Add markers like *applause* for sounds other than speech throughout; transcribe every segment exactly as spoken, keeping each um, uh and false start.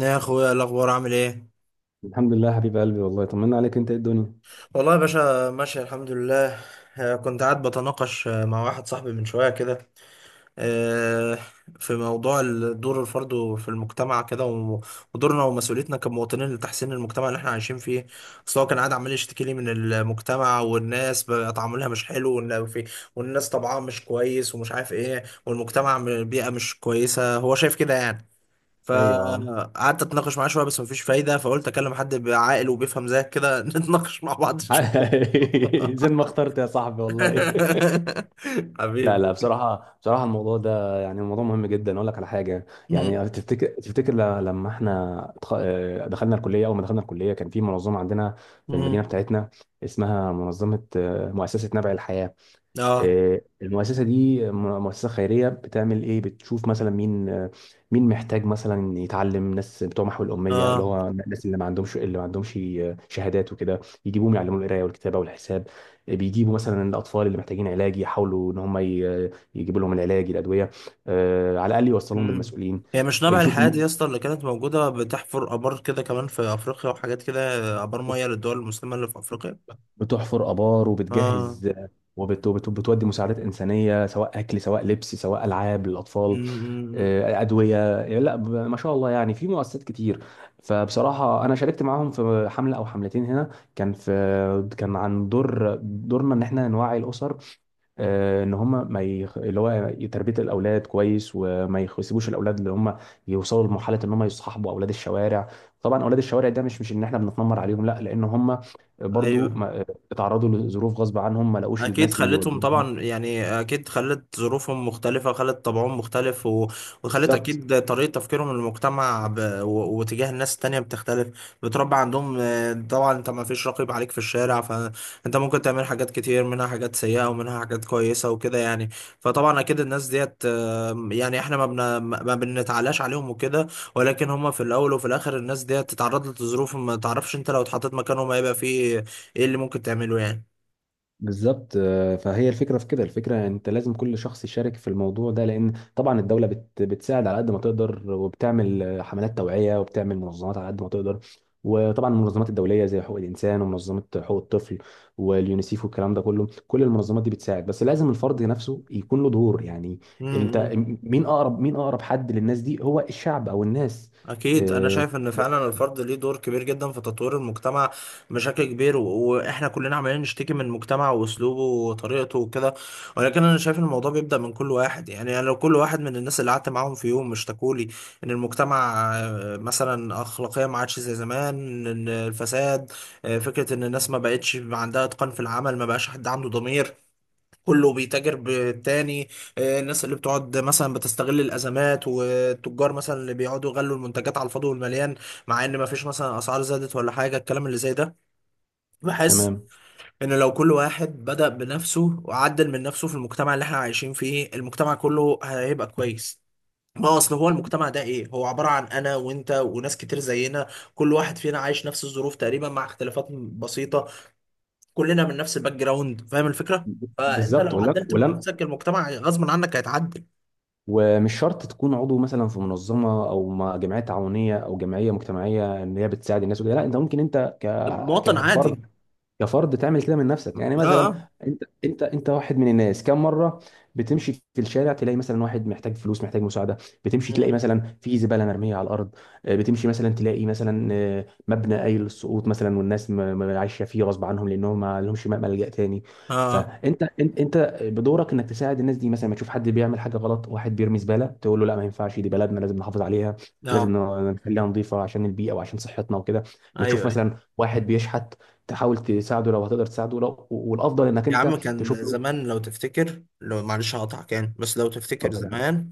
يا اخويا الاخبار عامل ايه؟ الحمد لله حبيب قلبي، والله طمنا عليك، انت ايه الدنيا؟ والله يا باشا ماشي الحمد لله. آه، كنت قاعد بتناقش آه، مع واحد صاحبي من شويه كده. آه، في موضوع ال- دور الفرد في المجتمع كده و- ودورنا ومسؤوليتنا كمواطنين لتحسين المجتمع اللي احنا عايشين فيه. اصل هو كان قاعد عمال يشتكي لي من المجتمع، والناس بقى تعاملها مش حلو، وإن في- والناس طبعها مش كويس ومش عارف ايه، والمجتمع م- بيئه مش كويسه هو شايف كده يعني. ايوه. فقعدت اتناقش معاه شويه بس مفيش فايده، فقلت اكلم حد عاقل وبيفهم زيك كده *laughs* نتناقش مع بعض شويه. *laughs* زي ما اخترت يا صاحبي والله. *laughs* *laughs* لا حبيبي. لا، بصراحه بصراحه الموضوع ده يعني موضوع مهم جدا. اقول لك على حاجه، مم. يعني تفتكر تفتكر ل- لما احنا اتخ- اه، دخلنا الكليه، اول ما دخلنا الكليه كان في منظمه عندنا في مم. المدينه بتاعتنا، اسمها منظمه اه، مؤسسه نبع الحياه. اه آه، المؤسسة دي م- مؤسسة خيرية، بتعمل ايه؟ بتشوف مثلا مين آه، مين محتاج مثلا يتعلم، ناس بتوع محو الأمية، اللي اه. هو الناس اللي ما عندهمش، اللي ما عندهمش آه، شهادات وكده، يجيبوهم يعلموا القراية والكتابة والحساب. آه، بيجيبوا مثلا الأطفال اللي محتاجين علاج، يحاولوا إن هم ي- يجيبوا لهم العلاج الأدوية، آه، على الأقل يوصلوهم مم. بالمسؤولين. هي مش آه، نبع يشوفوا الحياة دي م- يا اسطى اللي كانت موجودة بتحفر آبار كده كمان في أفريقيا وحاجات كده؟ آبار مية للدول المسلمة اللي في أفريقيا. بتحفر آبار اه. وبتجهز، آه، وبت- وبت- وبتودي مساعدات إنسانية، سواء أكل سواء لبس سواء ألعاب للأطفال، مم. مم. مم. آه، ادويه يعني. لا ب- ما شاء الله، يعني في مؤسسات كتير. فبصراحه انا شاركت معاهم في حمله او حملتين هنا، كان في كان عن دور دورنا ان احنا نوعي الاسر، آه، ان هم ما يخ... اللي هو تربيه الاولاد كويس، وما يخ- يسيبوش الاولاد اللي هم يوصلوا لمرحله ان هم يصاحبوا اولاد الشوارع. طبعا اولاد الشوارع ده مش مش ان احنا بنتنمر عليهم، لا، لان هم برضو أيوه. ما... اتعرضوا لظروف غصب عنهم، ما لقوش اكيد الناس اللي خلتهم يوجهوهم. طبعا يعني، اكيد خلت ظروفهم مختلفه، خلت طبعهم مختلف و... وخلت بالظبط اكيد طريقه تفكيرهم للمجتمع ب... و... وتجاه الناس التانية بتختلف. بتربى عندهم آه، طبعا، انت ما فيش رقيب عليك في الشارع، فانت ممكن تعمل حاجات كتير، منها حاجات سيئه ومنها حاجات كويسه وكده يعني. فطبعا اكيد الناس ديت آه، يعني احنا ما بن... ما بنتعلاش عليهم وكده، ولكن هم في الاول وفي الاخر الناس ديت اتعرضت لظروف ما تعرفش انت لو اتحطيت مكانهم هيبقى فيه ايه اللي ممكن تعمله يعني. بالظبط. آه، فهي الفكره في كده، الفكره انت لازم كل شخص يشارك في الموضوع ده، لان طبعا الدوله بت بتساعد على قد ما تقدر، وبتعمل آه، حملات توعيه، وبتعمل منظمات على قد ما تقدر. وطبعا المنظمات الدوليه زي حقوق الانسان ومنظمه حقوق الطفل واليونيسيف والكلام ده كله، كل المنظمات دي بتساعد، بس لازم الفرد نفسه يكون له دور يعني. انت، امم. مين اقرب مين اقرب حد للناس دي؟ هو الشعب او الناس. أكيد أنا آه، شايف إن فعلا الفرد ليه دور كبير جدا في تطوير المجتمع بشكل كبير و- وإحنا كلنا عمالين نشتكي من المجتمع وأسلوبه وطريقته وكده، ولكن أنا شايف إن الموضوع بيبدأ من كل واحد. يعني أنا، لو كل واحد من الناس اللي قعدت معاهم في يوم اشتكولي إن المجتمع آه، مثلا أخلاقية ما عادش زي زمان، إن الفساد آه، فكرة إن الناس ما بقتش عندها إتقان في العمل، ما بقاش حد عنده ضمير، كله بيتاجر بالتاني. آه، الناس اللي بتقعد مثلا بتستغل الازمات، والتجار مثلا اللي بيقعدوا يغلوا المنتجات على الفاضي والمليان، مع ان ما فيش مثلا اسعار زادت ولا حاجه الكلام اللي زي ده. بحس تمام. ان لو كل واحد بدأ بنفسه وعدل من نفسه في المجتمع اللي احنا عايشين فيه، المجتمع كله هيبقى كويس. ما هو اصل هو المجتمع ده ايه؟ هو عبارة عن انا وانت وناس كتير زينا، كل واحد فينا عايش نفس الظروف تقريبا مع اختلافات بسيطة، كلنا من نفس الباك جراوند، فاهم الفكره؟ فانت بالظبط لو عدلت من ولما نفسك المجتمع غصب عنك هيتعدل. ومش شرط تكون عضو مثلا في منظمه او ما- جمعيه تعاونيه او جمعيه مجتمعيه ان هي بتساعد الناس وكده، لا، انت ممكن انت ك... مواطن عادي. كفرد، كفرد تعمل كده من نفسك، يعني اه مثلا اه. انت انت انت واحد من الناس. كم مره بتمشي في الشارع تلاقي مثلا واحد محتاج فلوس، محتاج مساعده؟ بتمشي تلاقي مم. مثلا في زباله مرميه على الارض. آه، بتمشي مثلا تلاقي مثلا آه، مبنى قايل للسقوط مثلا، والناس م- م- عايشه فيه غصب عنهم لانهم ما لهمش م- ملجأ تاني. اه فانت انت انت بدورك انك تساعد الناس دي. مثلا ما تشوف حد بيعمل حاجه غلط، واحد بيرمي زباله، تقول له لا ما ينفعش، دي بلدنا لازم نحافظ عليها، لازم اه. ن- نخليها نظيفه عشان البيئه وعشان صحتنا وكده. ما ايوه تشوف ايوه. مثلا واحد بيشحت، تحاول تساعده لو هتقدر تساعده، لو والافضل انك يا انت عم تشوف كان له. زمان لو تفتكر، لو معلش هقطعك يعني، بس لو تفتكر اتفضل يا حبيبي. زمان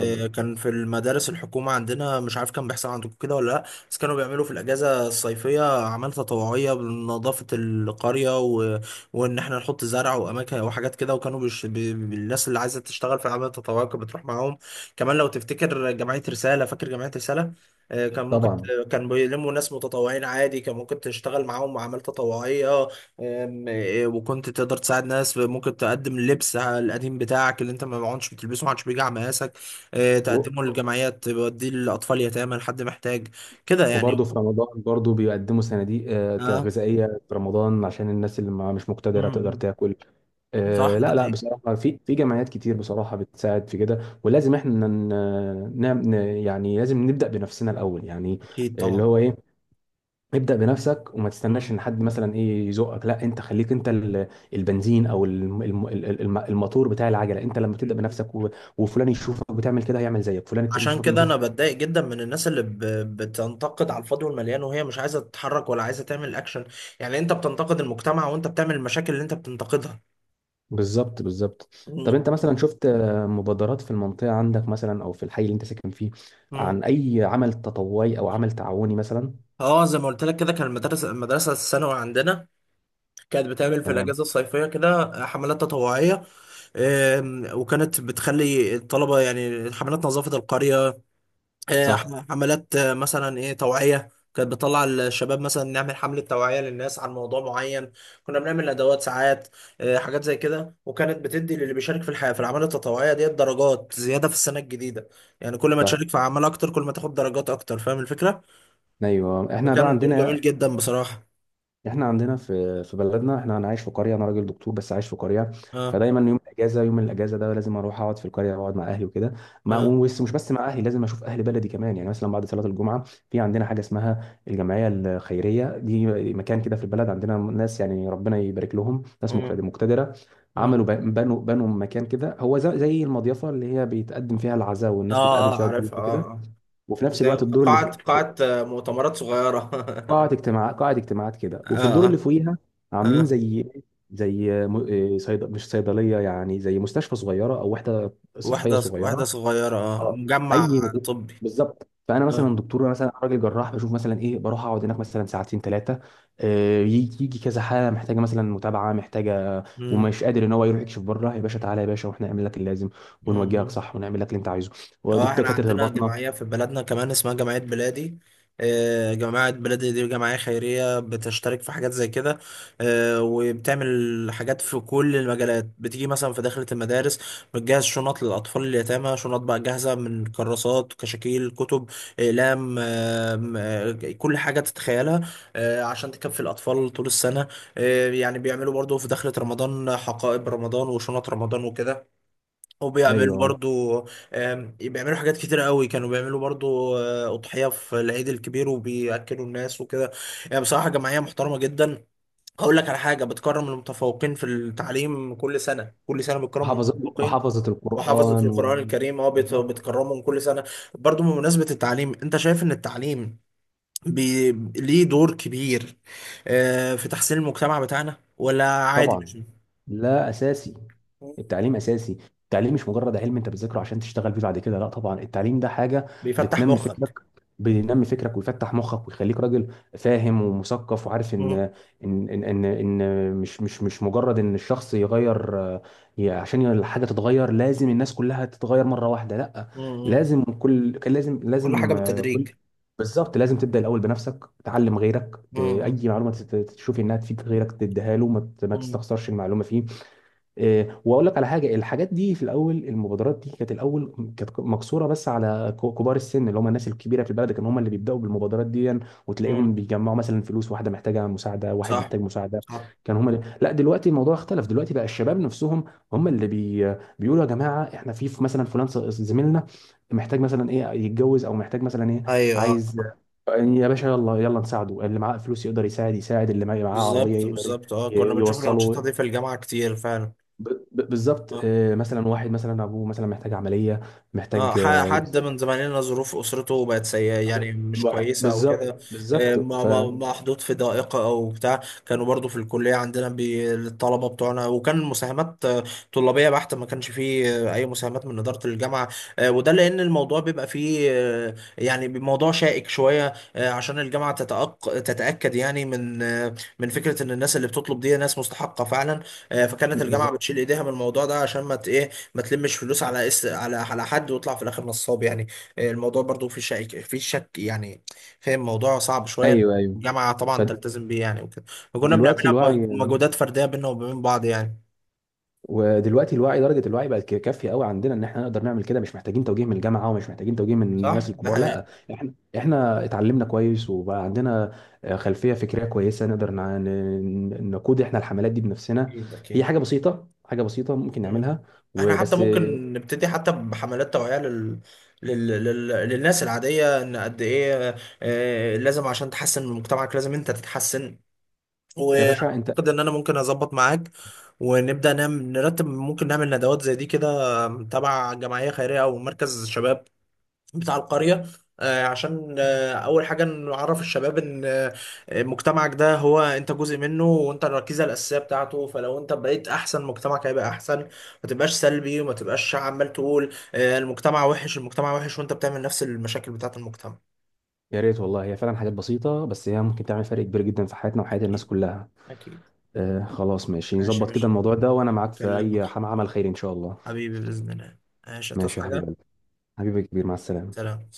اتفضل. كان في المدارس الحكومة عندنا، مش عارف كان بيحصل عندكم كده ولا لأ؟ بس كانوا بيعملوا في الأجازة الصيفية أعمال تطوعية بنظافة القرية و... وإن إحنا نحط زرع وأماكن وحاجات كده، وكانوا بش... ب... ب- الناس اللي عايزة تشتغل في الأعمال التطوعية كانت بتروح معاهم. كمان لو تفتكر جمعية رسالة، فاكر جمعية رسالة؟ آه، كان ممكن، طبعا. كان بيلموا ناس متطوعين عادي، كان ممكن تشتغل معاهم أعمال تطوعية. أم، إيه، وكنت تقدر تساعد ناس، ممكن تقدم اللبس القديم بتاعك اللي انت ما عدتش بتلبسه، ما عادش بيجي على مقاسك، آه، تقدمه و- للجمعيات بيوديه لأطفال يتامى لحد محتاج كده يعني. وبرضه في رمضان، برضه بيقدموا صناديق آه، اه. غذائيه في رمضان، عشان الناس اللي ما- مش مم، مقتدره تقدر مم. تاكل. صح آه، ده لا لا، حقيقي. بصراحه في في جمعيات كتير بصراحه بتساعد في كده. ولازم احنا ن- نعم ن- يعني لازم نبدا بنفسنا الاول يعني، أكيد اللي طبعا. هو ايه، ابدأ بنفسك وما تستناش مم. ان حد مثلا ايه يزقك، لا، انت خليك انت ال- البنزين او الم- الم- الم- الموتور بتاع العجله. انت لما تبدأ مم. بنفسك و- وفلان يشوفك بتعمل كده هيعمل زيك، فلان التاني عشان يشوفك كده أنا يشوف. بتضايق جدا من الناس اللي ب... بتنتقد على الفاضي والمليان وهي مش عايزة تتحرك ولا عايزة تعمل أكشن. يعني أنت بتنتقد المجتمع وأنت بتعمل المشاكل اللي أنت بتنتقدها. بالظبط بالظبط. طب مم. انت مثلا شفت آه، مبادرات في المنطقه عندك مثلا، او في الحي اللي انت ساكن فيه، مم. عن اي عمل تطوعي او عمل تعاوني مثلا؟ اه، زي ما قلت لك كده، كان المدرسة، المدرسة الثانوي عندنا كانت بتعمل في تمام. الأجازة الصيفية كده حملات تطوعية. آم، وكانت بتخلي الطلبة، يعني حملات نظافة القرية، آه، صح. ح- حملات آه، مثلا ايه توعية، كانت بتطلع الشباب مثلا نعمل حملة توعية للناس عن موضوع معين. كنا بنعمل ندوات ساعات، آه، حاجات زي كده، وكانت بتدي للي بيشارك في الحياة في الأعمال التطوعية ديت درجات زيادة في السنة الجديدة. يعني كل ما صح. تشارك في أعمال أكتر كل ما تاخد درجات أكتر، فاهم الفكرة؟ ايوه، احنا بقى فكان دور جميل عندنا، جدا بصراحة. احنا عندنا في في بلدنا. احنا انا عايش في قريه، انا راجل دكتور بس عايش في قريه، اه فدايما يوم الاجازه يوم الاجازه ده لازم اروح اقعد في القريه واقعد مع اهلي وكده. اه ما بس مش بس مع اهلي، لازم اشوف اهل بلدي كمان. يعني مثلا بعد صلاه الجمعه في عندنا حاجه اسمها الجمعيه الخيريه دي، مكان كده في البلد. عندنا ناس يعني ربنا يبارك لهم، ناس اه مقتد- مقتدره، اه. عملوا ب- بنوا بنوا مكان كده، هو ز- زي المضيفه اللي هي بيتقدم فيها العزاء والناس بتقابل اه فيها عارف. اه الضيوف وكده، آه. وفي نفس زي الوقت الدور اللي قاعة، فوق قاعة مؤتمرات صغيرة. قاعة *laughs* اجتماعات قاعة اجتماعات كده. اه وفي الدور اه اللي فوقيها عاملين اه. زي، زي م- إيه، صيد... مش صيدلية، يعني زي مستشفى صغيرة أو وحدة صحية واحدة، واحدة صغيرة. صغيرة. اه، آه. مجمع أي مد- طبي. بالظبط. فأنا اه. مثلا دكتور، مثلا راجل جراح، بشوف مثلا إيه، بروح أقعد هناك مثلا ساعتين ثلاثة، يجي يجي كذا حالة محتاجة مثلا متابعة، محتاجة مم. ومش قادر إن هو يروح يكشف بره، يا باشا تعالى يا باشا وإحنا نعمل لك اللازم ونوجهك مم. صح ونعمل لك اللي أنت عايزه. اه، ودكتور احنا كاتره عندنا الباطنة. جمعية في بلدنا كمان اسمها جمعية بلادي. آه، جماعة بلادي دي جمعية خيرية بتشترك في حاجات زي كده. آه، وبتعمل حاجات في كل المجالات. بتيجي مثلا في داخلة المدارس، بتجهز شنط للأطفال اليتامى، شنط بقى جاهزة من كراسات، كشاكيل، كتب، أقلام، آم، آه، كل حاجة تتخيلها آه، عشان تكفي الأطفال طول السنة. آه، يعني بيعملوا برضو في داخلة رمضان حقائب رمضان وشنط رمضان وكده، وبيعملوا أيوه. برضو آم، بيعملوا حاجات كتير قوي. كانوا بيعملوا برضو آه، أضحية في العيد الكبير وبيأكلوا الناس وكده. يعني بصراحة جمعية محترمة جدا. هقول لك على حاجة: بتكرم المتفوقين في التعليم كل سنة. كل سنة بتكرم وحافظ المتفوقين وحافظة وحافظة القرآن و... القرآن الكريم. اه، بت- بالظبط. بتكرمهم كل سنة. برضو بمناسبة التعليم، انت شايف ان التعليم بي... ليه دور كبير آه، في تحسين المجتمع بتاعنا ولا عادي مش طبعا. لا اساسي، التعليم اساسي. التعليم مش مجرد علم انت بتذاكره عشان تشتغل بيه بعد كده، لا طبعا، التعليم ده حاجه بيفتح بتنمي فكرك، مخك؟ بينمي فكرك ويفتح مخك ويخليك راجل فاهم ومثقف، وعارف ان مم. ان ان ان, إن مش مش مش مجرد ان الشخص يغير، آه، ي- عشان الحاجه تتغير لازم الناس كلها تتغير مره واحده، لا، مم. لازم كل كان لازم كل حاجة لازم آه، كل بالتدريج. بالظبط، لازم تبدا الاول بنفسك، تعلم غيرك، ت- امم. اي معلومه تت- تشوفي انها تفيد غيرك تديها له، ما ت- ما امم. تستخسرش المعلومه فيه. آه، واقول لك على حاجه، الحاجات دي في الاول، المبادرات دي كانت الاول كانت مقصوره بس على ك- كبار السن، اللي هم الناس الكبيره في البلد، كانوا هم اللي بيبداوا بالمبادرات دي، امم. وتلاقيهم بيجمعوا مثلا فلوس، واحده محتاجه مساعده، واحد صح محتاج مساعده، صح. كان هم اللي... لا دلوقتي الموضوع اختلف، دلوقتي بقى الشباب نفسهم هم اللي بي... بيقولوا يا جماعه احنا في في مثلا فلان ص- زميلنا محتاج مثلا ايه يتجوز، او محتاج مثلا ايه ايوه آه. عايز، يا باشا يلا يلا نساعده، اللي معاه فلوس يقدر يساعد، يساعد اللي معاه عربيه بالظبط يقدر ي- بالظبط. اه كنا بنشوف الأنشطة يوصله. دي في الجامعة كتير فعلا. ب- ب- بالظبط. اه آه، مثلا واحد مثلا ابوه مثلا محتاج عمليه، اه. محتاج ح- آه، حد من يسافر. زمايلنا ظروف اسرته بقت سيئه طب- يعني، مش واحد- كويسه او بالظبط كده، آه، بالظبط. ما- ف ما- محطوط في ضائقه او بتاع. كانوا برضو في الكليه عندنا بي- الطلبه بتوعنا، وكان مساهمات آه، طلابيه بحته، ما كانش فيه آه، اي مساهمات من اداره الجامعه. آه، وده لان الموضوع بيبقى فيه آه، يعني موضوع شائك شويه، آه، عشان الجامعه تتأق- تتاكد يعني من آه، من فكره ان الناس اللي بتطلب دي ناس مستحقه فعلا. آه، فكانت الجامعه بتشيل بالظبط. ايديها من الموضوع ده عشان ما ت- ايه ما تلمش فلوس على اس على على حد ويطلع في الاخر نصاب يعني. آه، الموضوع برضو في شك، في شك يعني. فاهم؟ الموضوع صعب شويه. ايوه ايوه. الجامعه طبعا تلتزم بيه يعني وكده. وكنا فدلوقتي بنعملها الوعي بمجهودات فرديه بينا وبين بعض يعني. ودلوقتي الوعي درجه الوعي بقت ك- كافيه قوي عندنا، ان احنا نقدر نعمل كده مش محتاجين توجيه من الجامعه، ومش محتاجين توجيه من صح الناس ده الكبار، حقيقي. لا، احنا احنا اتعلمنا كويس وبقى عندنا آه، خلفيه فكريه كويسه، نقدر نع- ن- ن- نقود احنا الحملات دي بنفسنا. اكيد هي اكيد. حاجه بسيطه، حاجه بسيطه ممكن مم. نعملها احنا حتى وبس. ممكن نبتدي حتى بحملات توعيه لل... لل... لل... للناس العاديه، ان قد ايه آه، لازم عشان تحسن من مجتمعك لازم انت تتحسن. يا باشا انت، واعتقد ان انا ممكن اظبط معاك ونبدا نعمل، نرتب، ممكن نعمل ندوات زي دي كده تبع جمعيه خيريه او مركز شباب بتاع القريه، آه، عشان آه، اول حاجه نعرف الشباب ان آه، مجتمعك ده هو انت جزء منه وانت الركيزه الاساسيه بتاعته. فلو انت بقيت احسن مجتمعك هيبقى احسن. ما تبقاش سلبي وما تبقاش عمال تقول آه، المجتمع وحش، المجتمع وحش، وانت بتعمل نفس المشاكل بتاعت المجتمع. يا ريت والله، هي فعلا حاجات بسيطة بس هي ممكن تعمل فرق كبير جدا في حياتنا وحياة الناس اكيد كلها. اكيد. آه خلاص ماشي، ماشي يا نظبط كده باشا. الموضوع ده وأنا معاك في اكلمك أي حم- عمل خير إن شاء الله. حبيبي بإذن الله. ماشي، هتصحى ماشي يا حبيب حاجة. قلبي، حبيبي كبير، مع السلامة. سلام.